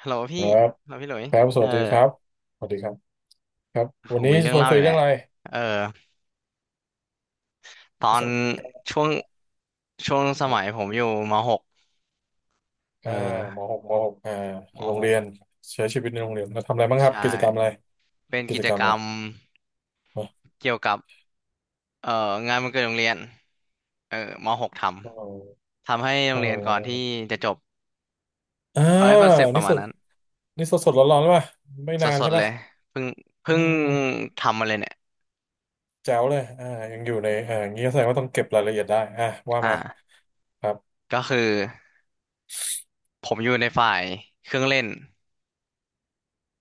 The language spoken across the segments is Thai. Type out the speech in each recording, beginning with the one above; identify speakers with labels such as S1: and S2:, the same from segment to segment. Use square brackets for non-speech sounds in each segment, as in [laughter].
S1: ฮัลโหล
S2: ค
S1: พี่
S2: รับ
S1: ฮัลโหลพี่หลุย
S2: ครับส
S1: เออ
S2: วัสดีครับสวัสดีครับครับ
S1: ผ
S2: วัน
S1: ม
S2: นี้
S1: มีเรื่
S2: ช
S1: อง
S2: วน
S1: เล่า
S2: คุ
S1: อ
S2: ย
S1: ยู่แห
S2: เรื่อ
S1: ละ
S2: งอะไร
S1: เออตอ
S2: ประส
S1: น
S2: บการณ์
S1: ช่วงช่วงส
S2: ครั
S1: มัย
S2: บ
S1: ผมอยู่มหกเอ
S2: อ่าม
S1: อ
S2: หกมหก
S1: ม
S2: โร
S1: ห
S2: ง
S1: ก
S2: เรียนใช้ชีวิตในโรงเรียนเราทำอะไรบ้างครับ
S1: ใช่
S2: กิจกรรมอะไร
S1: เป็น
S2: กิ
S1: กิ
S2: จ
S1: จ
S2: กรรม
S1: กร
S2: อะ
S1: ร
S2: ไร
S1: ม
S2: นะ
S1: เกี่ยวกับเอ่องานวันเกิดโรงเรียนเออมหก
S2: อ๋อ
S1: ทำให้โร
S2: อ๋
S1: งเรียนก่อนที่
S2: อ
S1: จะจบ
S2: อ่า
S1: เขาให้คอนเซปต์ป
S2: นี่
S1: ระมา
S2: ส
S1: ณ
S2: ด
S1: นั้น
S2: นี่สดสดร้อนร้อนป่ะไม่
S1: ส
S2: นานใช่
S1: ดๆเล
S2: ป่ะ
S1: ยเพิ่ง
S2: อื
S1: เพิ่ง
S2: ม
S1: ทำมาเลยเนี่ย
S2: แจ๋วเลยยังอยู่ในงี้แสดงว่าต้องเก็บรายละเอียดได้ว่า
S1: อ่า
S2: มาครับ
S1: ก็คือผมอยู่ในฝ่ายเครื่องเล่น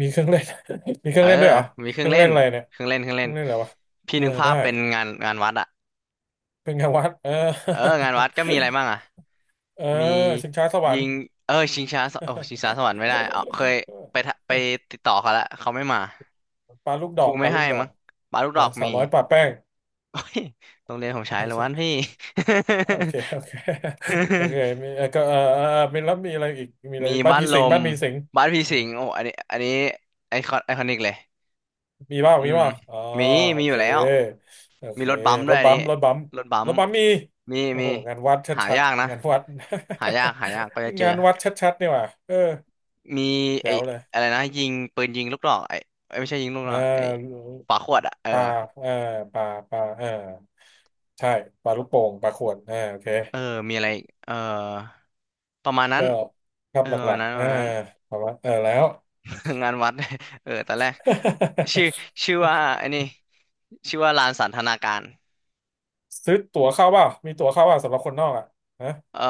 S2: มีเครื่องเล่น [laughs] มีเค
S1: เอ
S2: รื่อ
S1: อ
S2: งเล่นด้วยเหรอ
S1: มีเค
S2: เค
S1: รื่อง
S2: รื่อง
S1: เล่
S2: เล่
S1: น
S2: นอะไรเนี่ย
S1: เครื่องเล่นเครื่อง
S2: เค
S1: เล่
S2: รื่อ
S1: น
S2: งเล่นอะไรวะ
S1: พี่
S2: เออ
S1: นึกภา
S2: ได้
S1: พเป็นงานวัดอะ
S2: เป็นไงวัดเออ
S1: เอองานวัดก็มีอะไรบ้างอะ
S2: เออ
S1: มี
S2: ชิงช้าสวร
S1: ยิ
S2: รค์
S1: งเออชิงช้าสโอ้ชิงช้าสวรรค์ไม่ได้เอาเคยไปทะไปติดต่อเขาแล้วเขาไม่มา
S2: [laughs] ปลาลูกด
S1: ค
S2: อ
S1: รู
S2: กป
S1: ไม่
S2: ลาลู
S1: ให้
S2: กดอ
S1: มั้
S2: ก
S1: งปาลูกดอก
S2: สาว
S1: มี
S2: น้อยปลาแป้ง
S1: โอ้ยโรงเรียนผมใช้
S2: ไม่
S1: เล้ววัน
S2: ใช่
S1: พี่
S2: โอเคโอเค [laughs] โอเค
S1: [laughs]
S2: มีก็เออเอออมีแล้วมีอะไรอีกมีอะไร
S1: มี
S2: บ้าน
S1: บ้าน
S2: ผี
S1: ล
S2: สิง
S1: ม
S2: บ้านผีสิง
S1: บ้านพี่
S2: เออ
S1: สิงห์โอ้อันนี้ไอคอนิกเลย
S2: มีบ้าง
S1: อื
S2: มี
S1: ม
S2: บ้างอ๋อ
S1: มี
S2: โอ
S1: มีอ
S2: เค
S1: ยู่แล้ว
S2: โอเค
S1: มีรถบัมป์
S2: ร
S1: ด้วย
S2: ถ
S1: อัน
S2: บั
S1: นี้
S2: มป์รถบัมป์
S1: รถบั
S2: ร
S1: ม
S2: ถ
S1: ป์
S2: บัมป์มี
S1: มี
S2: โอ้
S1: มี
S2: โหงานวัดช
S1: หา
S2: ัด
S1: ยากนะ
S2: ๆงานวัด
S1: หายากหายากก็จะ
S2: [laughs]
S1: เจอ
S2: งานวัดชัดๆนี่หว่าเออ
S1: มีไอ้
S2: เจ๋วเลย
S1: อะไรนะยิงปืนยิงลูกดอกไอ้เอ้ยไม่ใช่ยิงลูกด
S2: เอ
S1: อกไอ้
S2: อ
S1: ฝาขวดอ่ะเออ
S2: ป่าเออป่าป่าเออ ใช่ปลาลูกโป่งปลาขวดโอเค
S1: เออมีอะไรอีกเออประมาณนั้น
S2: ก็ครับ
S1: เออ
S2: ห
S1: ประ
S2: ลั
S1: มาณ
S2: ก
S1: นั้น
S2: ๆ
S1: ประมาณนั้น
S2: ประมาณเออแล้ว
S1: [laughs] งานวัด [laughs] เออตอนแรกชื่อชื่อว่าไอ้นี่ชื่อว่าลานสันทนาการ
S2: [laughs] ซื้อตั๋วเข้าเปล่ามีตั๋วเข้าเปล่าสำหรับคนนอกนะ
S1: เออ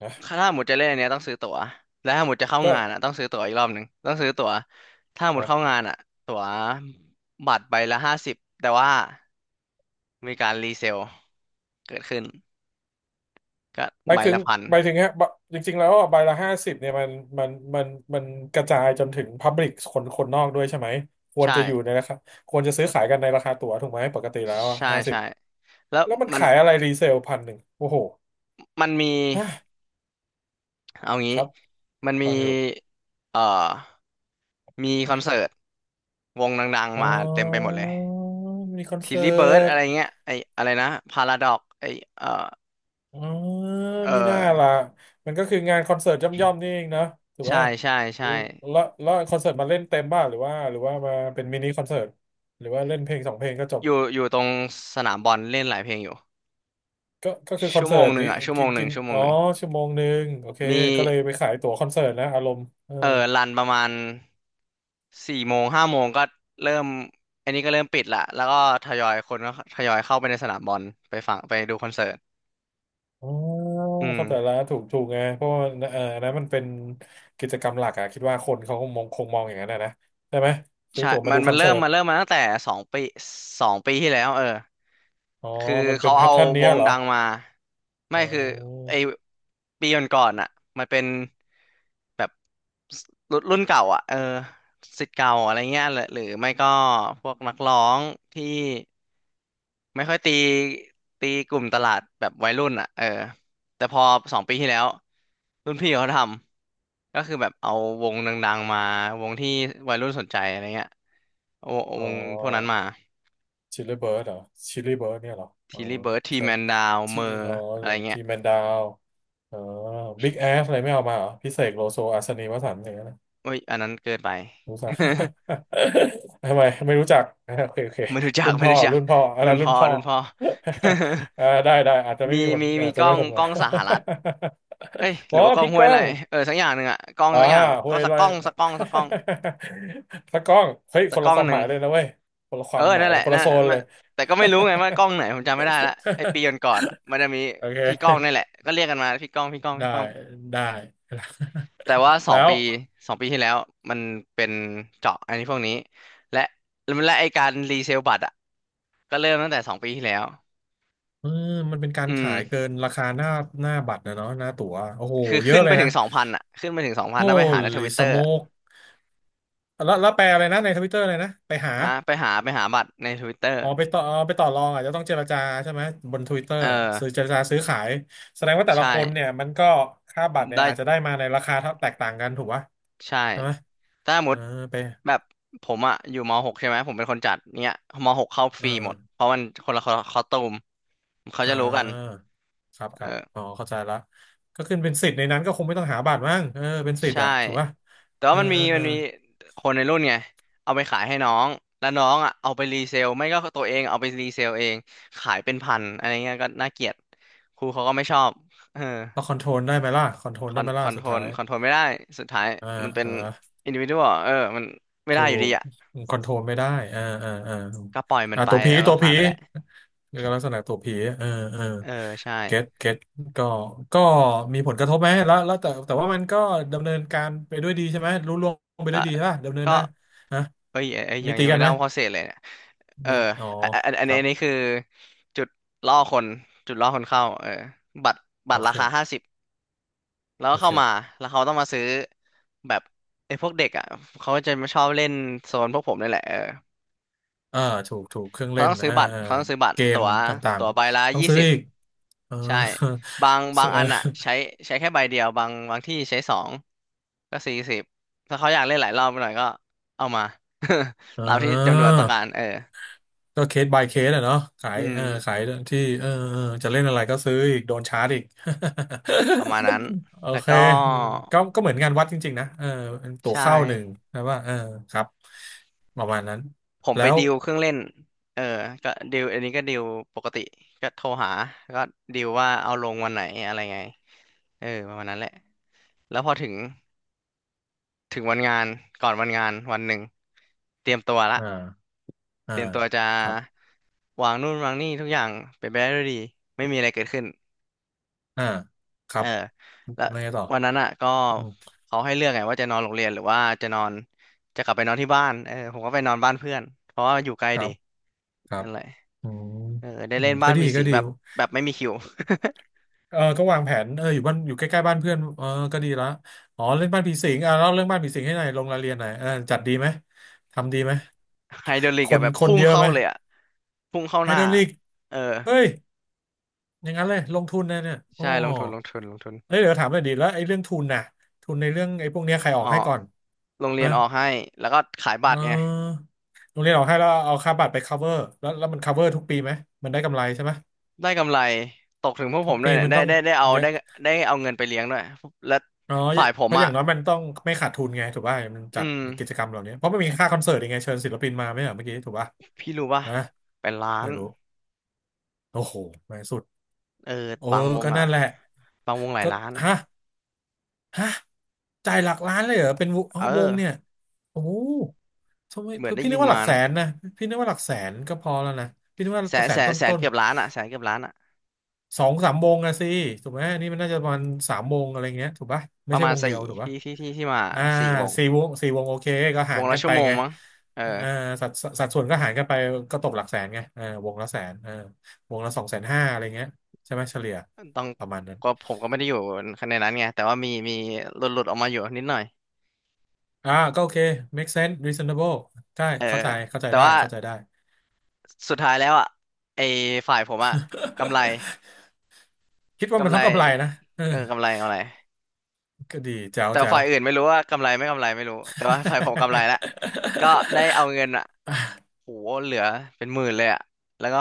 S2: นะ
S1: ถ้าหมดจะเล่นอันเนี้ยต้องซื้อตั๋วและถ้าหมดจะเข้า
S2: ก็
S1: งานอ่ะต้องซื้อตั๋วอีกรอบหนึ่งต้องซื้อตั๋วถ้าหมดเข้า
S2: อ่ะ
S1: งานอ่ะตั๋วบัตรใบละ 50แต่ว่ามีการรีเซลเกิดขึ้นก็
S2: หมา
S1: ใบ
S2: ยถึง
S1: ละพัน
S2: หมายถึงฮะบะจริงๆแล้วใบละห้าสิบเนี่ยมันมันมันกระจายจนถึงพับลิกคนคนนอกด้วยใช่ไหมควร
S1: ใช่
S2: จะอยู่ในราคาควรจะซื้อขายกันในราคาตั๋วถูกไหมปกติแล้ว
S1: ใช่
S2: ห้าสิบ
S1: ใช่แล้ว
S2: แล้วมัน
S1: มัน
S2: ขายอะไรรีเซลพันหนึ่งโอ้โห
S1: มันมี
S2: ฮะ
S1: เอา
S2: ค
S1: งี้
S2: รับ
S1: มันมี
S2: ฟังอยู่
S1: เอ่อมีคอนเสิร์ตวงดัง
S2: อ๋
S1: ๆมา
S2: อ
S1: เต็มไปหมดเลย
S2: มีคอน
S1: ทิล
S2: เสิ
S1: ลี่เบิร์ด
S2: ร์ต
S1: อะไรเงี้ยไออะไรนะพาราดอกไอเอ่อ
S2: อ๋อ
S1: เออ
S2: มีหน้าล่ะมันก็คืองานคอนเสิร์ตย่อมๆนี่เองเนอะถูก
S1: ใช่
S2: ป่ะ
S1: ใช่
S2: อื
S1: ใช่
S2: มแล้วแล้วคอนเสิร์ตมาเล่นเต็มบ้างหรือว่ามาเป็นมินิคอนเสิร์ตหรือว่าเล่นเพลงสองเพลงก็จบ
S1: อยู่ตรงสนามบอลเล่นหลายเพลงอยู่
S2: ก็คือคอน
S1: ชั่ว
S2: เสิ
S1: โมง
S2: ร์ต
S1: หนึ่
S2: ดิ
S1: งอ่ะชั่วโม
S2: กิ
S1: ง
S2: น
S1: หนึ่
S2: กิ
S1: ง
S2: น
S1: ชั่วโม
S2: อ๋
S1: ง
S2: อ
S1: หนึ่ง
S2: ชั่วโมงหนึ่งโอเค
S1: มี
S2: ก็เลยไปขายตั๋วคอนเสิร์ตนะอารมณ์เออ
S1: เออรันประมาณ4 โมง5 โมงก็เริ่มอันนี้ก็เริ่มปิดละแล้วก็ทยอยคนก็ทยอยเข้าไปในสนามบอลไปฟังไปดูคอนเสิร์ต
S2: อ๋อ
S1: อืม
S2: เข้าใจละถูกถูกไงเพราะว่าเอออันนั้นมันเป็นกิจกรรมหลักอะคิดว่าคนเขาคงมองคงมองอย่างนั้นอะนะใช่ไหมซื้อ
S1: ใช่
S2: ตั๋วมาดูค
S1: มั
S2: อ
S1: น
S2: น
S1: เริ่
S2: เสิ
S1: ม
S2: ร์ต
S1: เริ่มมาตั้งแต่สองปีสองปีที่แล้วเออ
S2: อ๋อ
S1: คือ
S2: มันเป็
S1: เขา
S2: นแพท
S1: เอา
S2: เทิร์นเนี้
S1: ว
S2: ย
S1: ง
S2: เหรอ
S1: ดังมาไม่
S2: อ๋
S1: คือไอ
S2: อ
S1: ปีก่อนๆอ่ะมันเป็นแบบรุ่นเก่าอ่ะเออศิษย์เก่าอะไรเงี้ยหรือไม่ก็พวกนักร้องที่ไม่ค่อยตีกลุ่มตลาดแบบวัยรุ่นอ่ะเออแต่พอสองปีที่แล้วรุ่นพี่เขาทำก็คือแบบเอาวงดังๆมาวงที่วัยรุ่นสนใจอะไรเงี้ยเอา
S2: อ๋อ
S1: วงพวกนั้นมา
S2: ชิลลี่เบิร์ดเหรอ ชิลลี่เบิร์ดเนี่ยเหรออ๋
S1: ที
S2: อ
S1: ลีเบิร์ดที
S2: ใช่
S1: แมนดาวเม
S2: ที่
S1: อร์
S2: อ๋อ
S1: อะไรเงี้
S2: ที่
S1: ย
S2: แมนดาวอ๋อบิ๊กแอสอะไรไม่เอามาเหรอ พิเศษโลโซอัศนีวสันต์อย่างนั้นนะ
S1: โอ้ยอันนั้นเกินไป
S2: รู้จัก
S1: [laughs]
S2: [laughs] ทำไมไม่รู้จัก [laughs] โอเคโอเค
S1: ไม่รู้จัก
S2: รุ่น
S1: ไม่
S2: พ่อ
S1: รู้จัก
S2: รุ่นพ่ออัน
S1: รุ่
S2: นั้
S1: น
S2: นรุ่
S1: พ่
S2: น
S1: อ
S2: พ่อ
S1: รุ่นพ่อ
S2: [laughs] ได้ได้อาจจะ
S1: [laughs]
S2: ไม่
S1: มี
S2: มีคนอาจ
S1: ก
S2: จะ
S1: ล้อ
S2: ไม่
S1: ง
S2: คนมา
S1: สหรัฐเอ้ย
S2: [laughs]
S1: ห
S2: อ๋อ
S1: รือว่ากล้อง
S2: พี่
S1: ห้ว
S2: ก้
S1: ย
S2: อ
S1: ไร่
S2: ง
S1: เออสักอย่างหนึ่งอะกล้อง
S2: อ่า
S1: สักอย่าง
S2: ห้ว
S1: ก็
S2: ยไร่ [laughs] ตะกล้อง เฮ้ย
S1: สั
S2: ค
S1: ก
S2: น
S1: ก
S2: ละ
S1: ล้อง
S2: ความ
S1: ห
S2: ห
S1: นึ่ง
S2: มายเลยนะเว้ย คนละค
S1: เออ
S2: วามหมาย
S1: นั่น
S2: เล
S1: แห
S2: ย
S1: ละ
S2: คน
S1: นั่
S2: ละ
S1: น
S2: โซน
S1: มั
S2: เล
S1: น
S2: ย
S1: แต่ก็ไม่รู้ไงว่ากล้องไหนผมจำไม่ได้ละไอปีก่
S2: [laughs]
S1: อนๆอะมันจะมี
S2: โอเ
S1: พี่กล้องนี่แห
S2: ค
S1: ละก็เรียกกันมาพี่กล้องพี่กล้อง
S2: ได้
S1: พี่กล้อง
S2: ได้
S1: แต่ว่า
S2: แล้ว
S1: สองปีที่แล้วมันเป็นเจาะอันนี้พวกนี้และและไอการรีเซลบัตรอะก็เริ่มตั้งแต่สองปีที่แล้ว
S2: เออมันเป็นการ
S1: อื
S2: ขายเกิ
S1: ม
S2: นราคาหน้าหน้าบัตรนะเนาะหน้าตั๋วโอ้โห
S1: คือ
S2: เย
S1: ขึ้
S2: อะ
S1: น
S2: เล
S1: ไป
S2: ย
S1: ถึ
S2: นะ
S1: งสองพันอ่ะขึ้นไปถึงสองพันถ้าไปหาในท
S2: Holy
S1: วิตเตอร์
S2: smoke แล้วแล้วแปลอะไรนะในทวิตเตอร์เลยนะไปหา
S1: ฮะไปหาบัตรในทวิตเตอร์
S2: อ๋อไปต่ออ๋อไปต่อรองอาจจะต้องเจรจาใช่ไหมบน Twitter
S1: เออ
S2: ซื้อเจรจาซื้อขายแสดงว่าแต่
S1: ใช่
S2: ละคนเนี่ยมันก็ค่าบัตรเนี่ย
S1: ได้
S2: อาจจะได้มาในราคาเท่าแตกต่างกันถูกปะ
S1: ใช่
S2: ใช่ไหม
S1: ถ้าสมม
S2: อ่า
S1: ติ
S2: ไป
S1: แบบผมอ่ะอยู่มหกใช่ไหมผมเป็นคนจัดเนี้ยมหกเข้าฟ
S2: อ่
S1: รีหมดเพ
S2: า
S1: ราะมันคนละคอสตูมเขา
S2: อ่
S1: จะรู้กัน
S2: าครับค
S1: เอ
S2: รับ
S1: อ
S2: อ๋อเข้าใจละก็ขึ้นเป็นสิทธิ์ในนั้นก็คงไม่ต้องหาบัตรมั้งเออเป็นสิทธิ์
S1: ใช่
S2: อะถูกปะ
S1: แต่
S2: เอ
S1: ว่า
S2: อเออเอ
S1: มั
S2: อ
S1: นมีคนในรุ่นไงเอาไปขายให้น้องแล้วน้องอ่ะเอาไปรีเซลไม่ก็ตัวเองเอาไปรีเซลเองขายเป็นพันอะไรเงี้ยก็น่าเกลียดครูเขาก็ไม่ชอบเออ
S2: เราคอนโทรลได้ไหมล่ะคอนโทรลได้ไหมล่ะสุดท้าย
S1: คอนโทรลไม่ได้สุดท้าย
S2: อ่
S1: มันเป็
S2: เอ
S1: น
S2: อ
S1: อินดิวิ d ว a l เออมันไม่ได้
S2: ถู
S1: อยู่
S2: ก
S1: ดีอ่ะ
S2: คอนโทรลไม่ได้อ่าอ่าอ่า
S1: ก็ปล่อยมันไป
S2: ตัวผี
S1: แล้ว
S2: ตั
S1: ก็
S2: ว
S1: ผ่า
S2: ผี
S1: นไปแหละ
S2: แล้วก็ลักษณะตัวผีเออเออ
S1: เออใช่
S2: เก็ตเก็ตก็ก็มีผลกระทบไหมแล้วแต่ว่ามันก็ดำเนินการไปด้วยดีใช่ไหมรู้ล่วงไป
S1: ก็
S2: ด้วยดีใช่ป่ะดำเนิน
S1: ก็
S2: ได้นะ
S1: เอ้ยเอ้ยเอ้ย
S2: มีตี
S1: ยังไม่
S2: กัน
S1: ได้
S2: ไหม
S1: เล่าข้อเสียเลยเนี่ยเออ
S2: มีอ๋อครั
S1: อั
S2: บ
S1: นนี้คือจุดล่อคนจุดล่อคนเข้าเออบัตรบั
S2: โอ
S1: ตรรา
S2: เค
S1: คาห้าสิบแล้วก็
S2: โอ
S1: เข้ามา
S2: เค
S1: แล้วเขาต้องมาซื้อแบบไอ้พวกเด็กอ่ะเขาจะมาชอบเล่นโซนพวกผมนี่แหละเออ
S2: อ่าถูกถูกเครื่องเล่น
S1: เขาต้องซื้อบัตร
S2: เกม
S1: ตั๋ว
S2: ต่าง
S1: ใบละ
S2: ๆต้อง
S1: ยี่
S2: ซื้อ
S1: สิบ
S2: อีกเออ
S1: ใช่บางอันอะใช้แค่ใบเดียวบางที่ใช้สองก็40ถ้าเขาอยากเล่นหลายรอบหน่อยก็เอามา
S2: [laughs] เอ
S1: [laughs] ตามที่จำนวนต้องการเอ
S2: อ
S1: อ
S2: ก็เคส by เคสอะเนาะขาย
S1: อืม
S2: เออขายที่เออเออจะเล่นอะไรก็ซื้ออีกโดนชาร์จอีก
S1: ประมาณนั้น
S2: [laughs] โอ
S1: แล้ว
S2: เค
S1: ก็
S2: ก็ก็เหมือนงานวัดจริงๆนะเออตั๋ว
S1: ใช่
S2: เข้าหนึ่งนะว่าเออครับประมาณนั้น
S1: ผมไป
S2: แล้ว
S1: ดิวเครื่องเล่นเออก็ดิวอันนี้ก็ดิวปกติก็โทรหาก็ดิวว่าเอาลงวันไหนอะไรไงเออประมาณนั้นแหละแล้วพอถึงวันงานก่อนวันงานวันหนึ่งเตรียมตัว
S2: อ
S1: ละ
S2: ่าอ่า
S1: เตรียมตัวจะ
S2: ครับ
S1: วางนู่นวางนี่ทุกอย่างเป็นไปได้ด้วยดีไม่มีอะไรเกิดขึ้น
S2: อ่าครั
S1: เออ
S2: บ
S1: แล้ว
S2: อะไรต่อ
S1: วันนั้นอ่ะก็
S2: อืม
S1: เขาให้เลือกไงว่าจะนอนโรงเรียนหรือว่าจะนอนจะกลับไปนอนที่บ้านเออผมก็ไปนอนบ้านเพื่อนเพราะว่าอยู่ใกล้
S2: ครั
S1: ดี
S2: บครับ
S1: นั่นแหละ
S2: อืม
S1: เออได้
S2: อื
S1: เล่
S2: ม
S1: นบ้า
S2: ก็
S1: น
S2: ดี
S1: ผี
S2: ก็
S1: สิง
S2: ดี
S1: แบบแบบไม่มีคิว
S2: เออก็วางแผนเอออยู่บ้านอยู่ใกล้ๆบ้านเพื่อนเออก็ดีละอ๋อเรื่องบ้านผีสิงเล่าเรื่องบ้านผีสิงให้หน่อยลงรายละเอียดหน่อยเออจัดดีไหมทำดีไหม
S1: [laughs] ไฮดรอลิ
S2: ค
S1: กอะ
S2: น
S1: แบบ
S2: คน
S1: พุ่ง
S2: เยอะ
S1: เข้า
S2: ไหม
S1: เลยอะพุ่งเข้า
S2: ไอ
S1: ห
S2: ด
S1: น้า
S2: รอลลีก
S1: เออ
S2: เฮ้ยอย่างนั้นเลยลงทุนนะเนี่ยโอ้
S1: ใช่ลงทุนลงทุนลงทุน
S2: เฮ้ยเดี๋ยวถามหน่อยดิแล้วไอ้เรื่องทุนน่ะทุนในเรื่องไอ้พวกเนี้ยใครอ
S1: อ๋
S2: อ
S1: อ
S2: กให้ก่อน
S1: โรงเรี
S2: นะ
S1: ยนออกให้แล้วก็ขาย
S2: เ
S1: บัตรไง
S2: ออโรงเรียนออกให้แล้วเอาค่าบัตรไป cover แล้วมัน cover ทุกปีไหมมันได้กำไรใช่ไหม
S1: ได้กำไรตกถึงพวกผ
S2: ทุก
S1: มด้ว
S2: ปี
S1: ยเนี่ย
S2: มัน
S1: ได้
S2: ต้อง
S1: ได้ได้เอา
S2: เยอะ
S1: ได้ได้เอาเงินไปเลี้ยงด้วยและ
S2: อ๋อ
S1: ฝ่ายผ
S2: เพ
S1: ม
S2: ราะอ
S1: อ่ะ
S2: ย่างน้อยมันต้องไม่ขาดทุนไงถูกป่ะมัน
S1: อื
S2: จัด
S1: ม
S2: กิจกรรมเหล่านี้เพราะมันมีค่าคอนเสิร์ตยังไงเชิญศิลปินมาไหมอ่ะเมื่อกี้ถูกป่ะ
S1: พี่รู้ป่ะ
S2: นะ
S1: เป็นล้า
S2: ไม่
S1: น
S2: รู้โอ้โหแม่งสุด
S1: เออ
S2: โอ้
S1: บางวง
S2: ก็
S1: อ่ะ
S2: นั่นแหละ
S1: บางวงหลาย
S2: ก็
S1: ล้าน
S2: ฮะ ฮะจ่ายหลักล้านเลยเหรอเป็นวงอ๋อ
S1: เออ
S2: วงเนี่ยโอ้โหทำไม
S1: เหมือนได้
S2: พี่นึ
S1: ยิ
S2: ก
S1: น
S2: ว่าห
S1: มา
S2: ลักแส
S1: นะ
S2: นนะพี่นึกว่าหลักแสนก็พอแล้วนะพี่นึกว่า
S1: แส
S2: ตัว
S1: น
S2: แส
S1: แส
S2: นต
S1: นแสน
S2: ้น
S1: เกือบล้านอ่ะแสนเกือบล้านอ่ะ
S2: ๆสองสามวงอะสิถูกไหมอันนี่มันน่าจะประมาณสามวงอะไรเงี้ยถูกปะไม่
S1: ประ
S2: ใช่
S1: มาณ
S2: วงเดีย
S1: สี่
S2: วถูกปะ
S1: ที่ที่มา
S2: อ่า
S1: สี่วง
S2: สี่วงสี่วงโอเคก็
S1: ว
S2: หา
S1: ง
S2: ร
S1: ละ
S2: กันไป
S1: ชั่วโมง
S2: ไง
S1: มั้งเออ
S2: อ่าสัดสัดส่วนก็หารกันไปก็ตกหลักแสนไงเออวงละแสนเออวงละสองแสนห้าอะไรเงี้ยใช่ไหมเฉลี่ย
S1: ต้อง
S2: ประมาณนั้น
S1: ก็ผมก็ไม่ได้อยู่ในนั้นไงแต่ว่ามีหลุดออกมาอยู่นิดหน่อย
S2: อ่าก็โอเค make sense reasonable ได้
S1: เออ
S2: เข้าใจเข้าใจ
S1: แต่
S2: ได้
S1: ว่า
S2: เข้าใจได้
S1: สุดท้ายแล้วอ่ะไอ้ฝ่ายผมอ่ะกำไร
S2: [laughs] คิดว่ามั
S1: กำ
S2: น
S1: ไร
S2: ต้องกำไรนะเออ
S1: เออกำไรกำไร
S2: ก็ดีแจ๋ว
S1: แต่
S2: แจ๋ว
S1: ฝ่ายอื่นไม่รู้ว่ากำไรไม่กำไรไม่รู้แต่ว่าฝ่ายผมกำไรละก็ได้เอา
S2: [laughs]
S1: เงินอ่ะโหเหลือเป็นหมื่นเลยอ่ะแล้วก็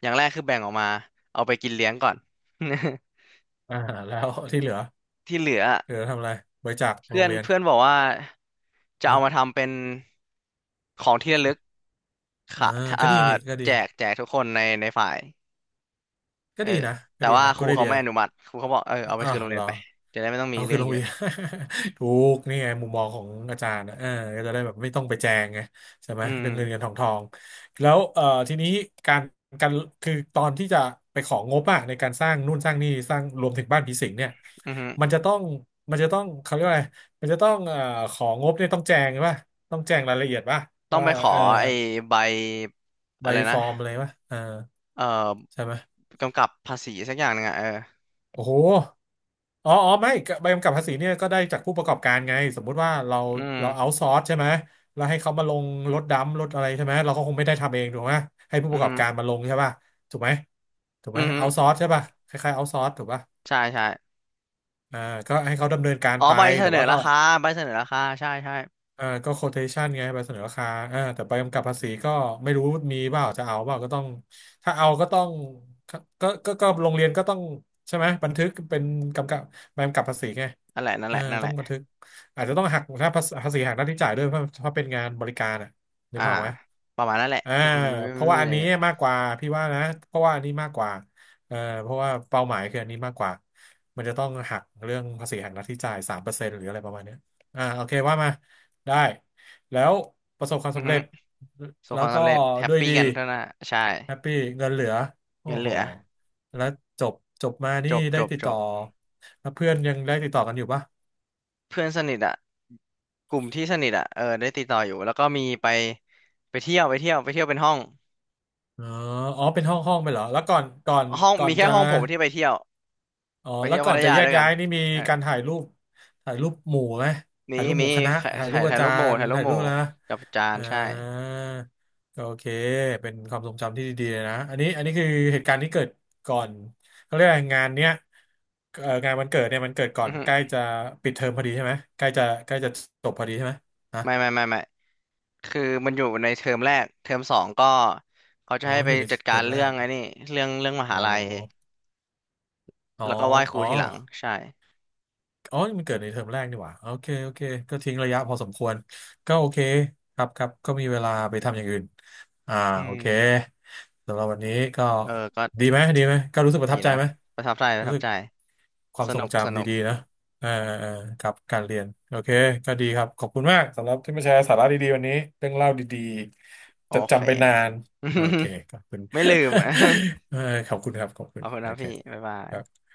S1: อย่างแรกคือแบ่งออกมาเอาไปกินเลี้ยงก่อน
S2: อ่าแล้วที่เหลือ
S1: [laughs] ที่เหลืออะ
S2: เหลือทำอะไรบริจาคโร
S1: เพื่อ
S2: ง
S1: น
S2: เรียน
S1: เพื่อนบอกว่าจะเอา
S2: ฮะ
S1: มาทำเป็นของที่ระลึก
S2: อ่า
S1: ค่ะเอ่
S2: ก็
S1: อ
S2: ดีนี่ก็ดี
S1: แจกทุกคนในฝ่าย
S2: ก็
S1: เออ
S2: ดีนะก็
S1: แต่
S2: ดี
S1: ว่า
S2: นะ
S1: ค
S2: กู
S1: รู
S2: ได้
S1: เขา
S2: เดีย
S1: ไม่อนุมัติครูเขาบอกเออเอาไป
S2: อ่า
S1: คืน
S2: ว
S1: โรง
S2: เห
S1: เรี
S2: ร
S1: ยน
S2: อ
S1: ไปจะได้ไม่ต้องมี
S2: เอาคื
S1: เรื่
S2: อ
S1: อง
S2: ลง
S1: เย
S2: ไป
S1: อะ
S2: ยน [laughs] ถูกนี่ไงมุมมองของอาจารย์นะเออก็จะได้แบบไม่ต้องไปแจงไงใช่ไหม
S1: อืม
S2: เรื่องเงินเงินทองทองแล้วทีนี้การการคือตอนที่จะไปของงบอะในการสร้างนู่นสร้างนี่สร้างรวมถึงบ้านผีสิงเนี่ย
S1: อือ
S2: มันจะต้องมันจะต้องเขาเรียกว่าอะไรมันจะต้องของงบเนี่ยต้องแจงป่ะต้องแจงรายละเอียดป่ะ
S1: ต้อง
S2: ว่า
S1: ไปขอ
S2: เออ
S1: ไอ้ใบ
S2: ใบ
S1: อะไร
S2: ฟ
S1: นะ
S2: อร์มอะไรป่ะเออ
S1: เอ่อ
S2: ใช่ไหม
S1: กำกับภาษีสักอย่างหนึ่งอ่ะเออ
S2: โอ้โหอ๋ออ๋อไม่ก็ใบกำกับภาษีเนี่ยก็ได้จากผู้ประกอบการไงสมมุติว่าเรา
S1: อืม
S2: เราเอาซอร์สใช่ไหมเราให้เขามาลงรถดำรถอะไรใช่ไหมเราก็คงไม่ได้ทำเองถูกไหมให้ผู้ป
S1: อื
S2: ระกอบ
S1: ม
S2: การมาลงใช่ป่ะถูกไหมถูกไหม
S1: อื
S2: เอาซ
S1: ม
S2: อร์สใช่ป่ะคล้ายๆเอาซอร์สถูกป่ะ
S1: ใช่ใช่
S2: อ่าก็ให้เขาดำเนินการ
S1: อ๋อ
S2: ไป
S1: ใบเส
S2: แต่
S1: นอ
S2: ว่าก็
S1: ราคาใบเสนอราคาใช่ใช่
S2: อ่าก็โค t a t i o n ไงใบเสนอราคาอ่าแต่ใบกำกับภาษีก็ไม่รู้มีเปล่าจะเอาเปล่าก็ต้องถ้าเอาก็ต้องก็โรงเรียนก็ต้องใช่ไหมบันทึกเป็นกำกับใบกำกับภาษีไง
S1: นั่นแหละนั่น
S2: เอ
S1: แห
S2: อ
S1: ละนั่นแห
S2: ต้อง
S1: ละ
S2: บันทึกอาจจะต้องหักถ้าภาษีภาษีหักหน้าที่จ่ายด้วยเพราะเป็นงานบริการอ่ะนึก
S1: อ่า
S2: ภาพออกไหม
S1: ประมาณนั่นแหละ
S2: อ่า
S1: เออมัน
S2: เพราะ
S1: ไม่
S2: ว่า
S1: มี
S2: อั
S1: อะ
S2: น
S1: ไร
S2: นี้
S1: เยอะ
S2: มากกว่าพี่ว่านะเพราะว่าอันนี้มากกว่าเออเพราะว่าเป้าหมายคืออันนี้มากกว่ามันจะต้องหักเรื่องภาษีหักหน้าที่จ่าย3%หรืออะไรประมาณเนี้ยอ่าโอเคว่ามาได้แล้วประสบความ
S1: อือ
S2: สำ
S1: ฮึ
S2: เร็จ
S1: ส่วน
S2: แล้
S1: ค
S2: ว
S1: วาม
S2: ก็
S1: สำเร็จแฮป
S2: ด้วย
S1: ปี้
S2: ดี
S1: กันเท่านั้นอะใช่
S2: แฮปปี้เงินเหลือโอ้
S1: เงินเห
S2: โห
S1: ลือ
S2: แล้วจบจบมา
S1: จ
S2: นี่
S1: บจ
S2: ได้
S1: บ
S2: ติด
S1: จ
S2: ต่อ
S1: บ
S2: แล้วเพื่อนยังได้ติดต่อกันอยู่ปะ
S1: เพื่อนสนิทอ่ะกลุ่มที่สนิทอ่ะเออได้ติดต่ออยู่ แล้วก็มีไปเที่ยวเป็นห้อง
S2: อ๋ออ๋อเป็นห้องห้องไปเหรอแล้วก่อน
S1: ห้อง
S2: ก่อ
S1: มี
S2: น
S1: แค่
S2: จะ
S1: ห้องผมที่ไปเที่ยว
S2: อ๋อ
S1: ไป
S2: แล้
S1: เที่
S2: ว
S1: ยว
S2: ก่
S1: พั
S2: อน
S1: ท
S2: จะ
S1: ยา
S2: แยก
S1: ด้วยกั
S2: ย้า
S1: น
S2: ยนี่มี
S1: เออ
S2: การถ่ายรูปถ่ายรูปหมู่ไหม
S1: มี
S2: ถ่ายรูปหมู่คณะ
S1: ถ่า
S2: ถ่ายรู
S1: ย
S2: ปอา
S1: รู
S2: จา
S1: ปหมู่
S2: รย์ถ่ายรูปนะ
S1: กับอาจาร
S2: อ่า
S1: ย์ใช่
S2: ก็โอเคเป็นความทรงจำที่ดีๆเลยนะอันนี้อันนี้คือเหตุการณ์ที่เกิดก่อนเขาเรียกอะไรงานเนี้ยงานวันเกิดเนี่ยมันเกิดก่อ
S1: อื
S2: น
S1: อฮึ
S2: ใกล้จะปิดเทอมพอดีใช่ไหมใกล้จะจบพอดีใช่ไหมฮะ
S1: ไม่ไม่ไม่ไม่ คือมันอยู่ในเทอมแรกเทอมสองก็เขาจะ
S2: อ๋อ
S1: ให้
S2: มัน
S1: ไป
S2: อยู่ใน
S1: จัด
S2: เท
S1: กา
S2: อ
S1: ร
S2: มแร
S1: เรื่อ
S2: ก
S1: งไอ้นี่เรื่องม
S2: อ๋อ
S1: หาลัย
S2: อ๋อ
S1: แล้วก็ไหว้ครู
S2: อ๋อ
S1: ทีหลังใช่
S2: อ๋อนี่มันเกิดในเทอมแรกนี่หว่าโอเคโอเคก็ทิ้งระยะพอสมควรก็โอเคครับครับก็มีเวลาไปทำอย่างอื่นอ่า
S1: อื
S2: โอ
S1: ม
S2: เคสำหรับวันนี้ก็
S1: เออ ก็
S2: ดีไหมดีไหมก็รู้สึกประ
S1: ดี
S2: ทับใจ
S1: นะ
S2: ไหม
S1: ประทับใจ
S2: รู้สึกความ
S1: ส
S2: ทร
S1: นุ
S2: ง
S1: ก
S2: จำดีๆนะเออเออครับการเรียนโอเคก็ดีครับขอบคุณมากสำหรับที่มาแชร์สาระดีๆวันนี้เรื่องเล่าดี
S1: โอ
S2: ๆจะ
S1: เค
S2: จำไปนานโอเคขอบคุณ
S1: [laughs] ไม่ลืม [laughs] อ่ะ
S2: [laughs] เออขอบคุณครับขอบคุ
S1: ข
S2: ณ
S1: อบคุณ
S2: โอ
S1: นะ
S2: เค
S1: พี่ บ๊ายบา
S2: ค
S1: ย
S2: รับ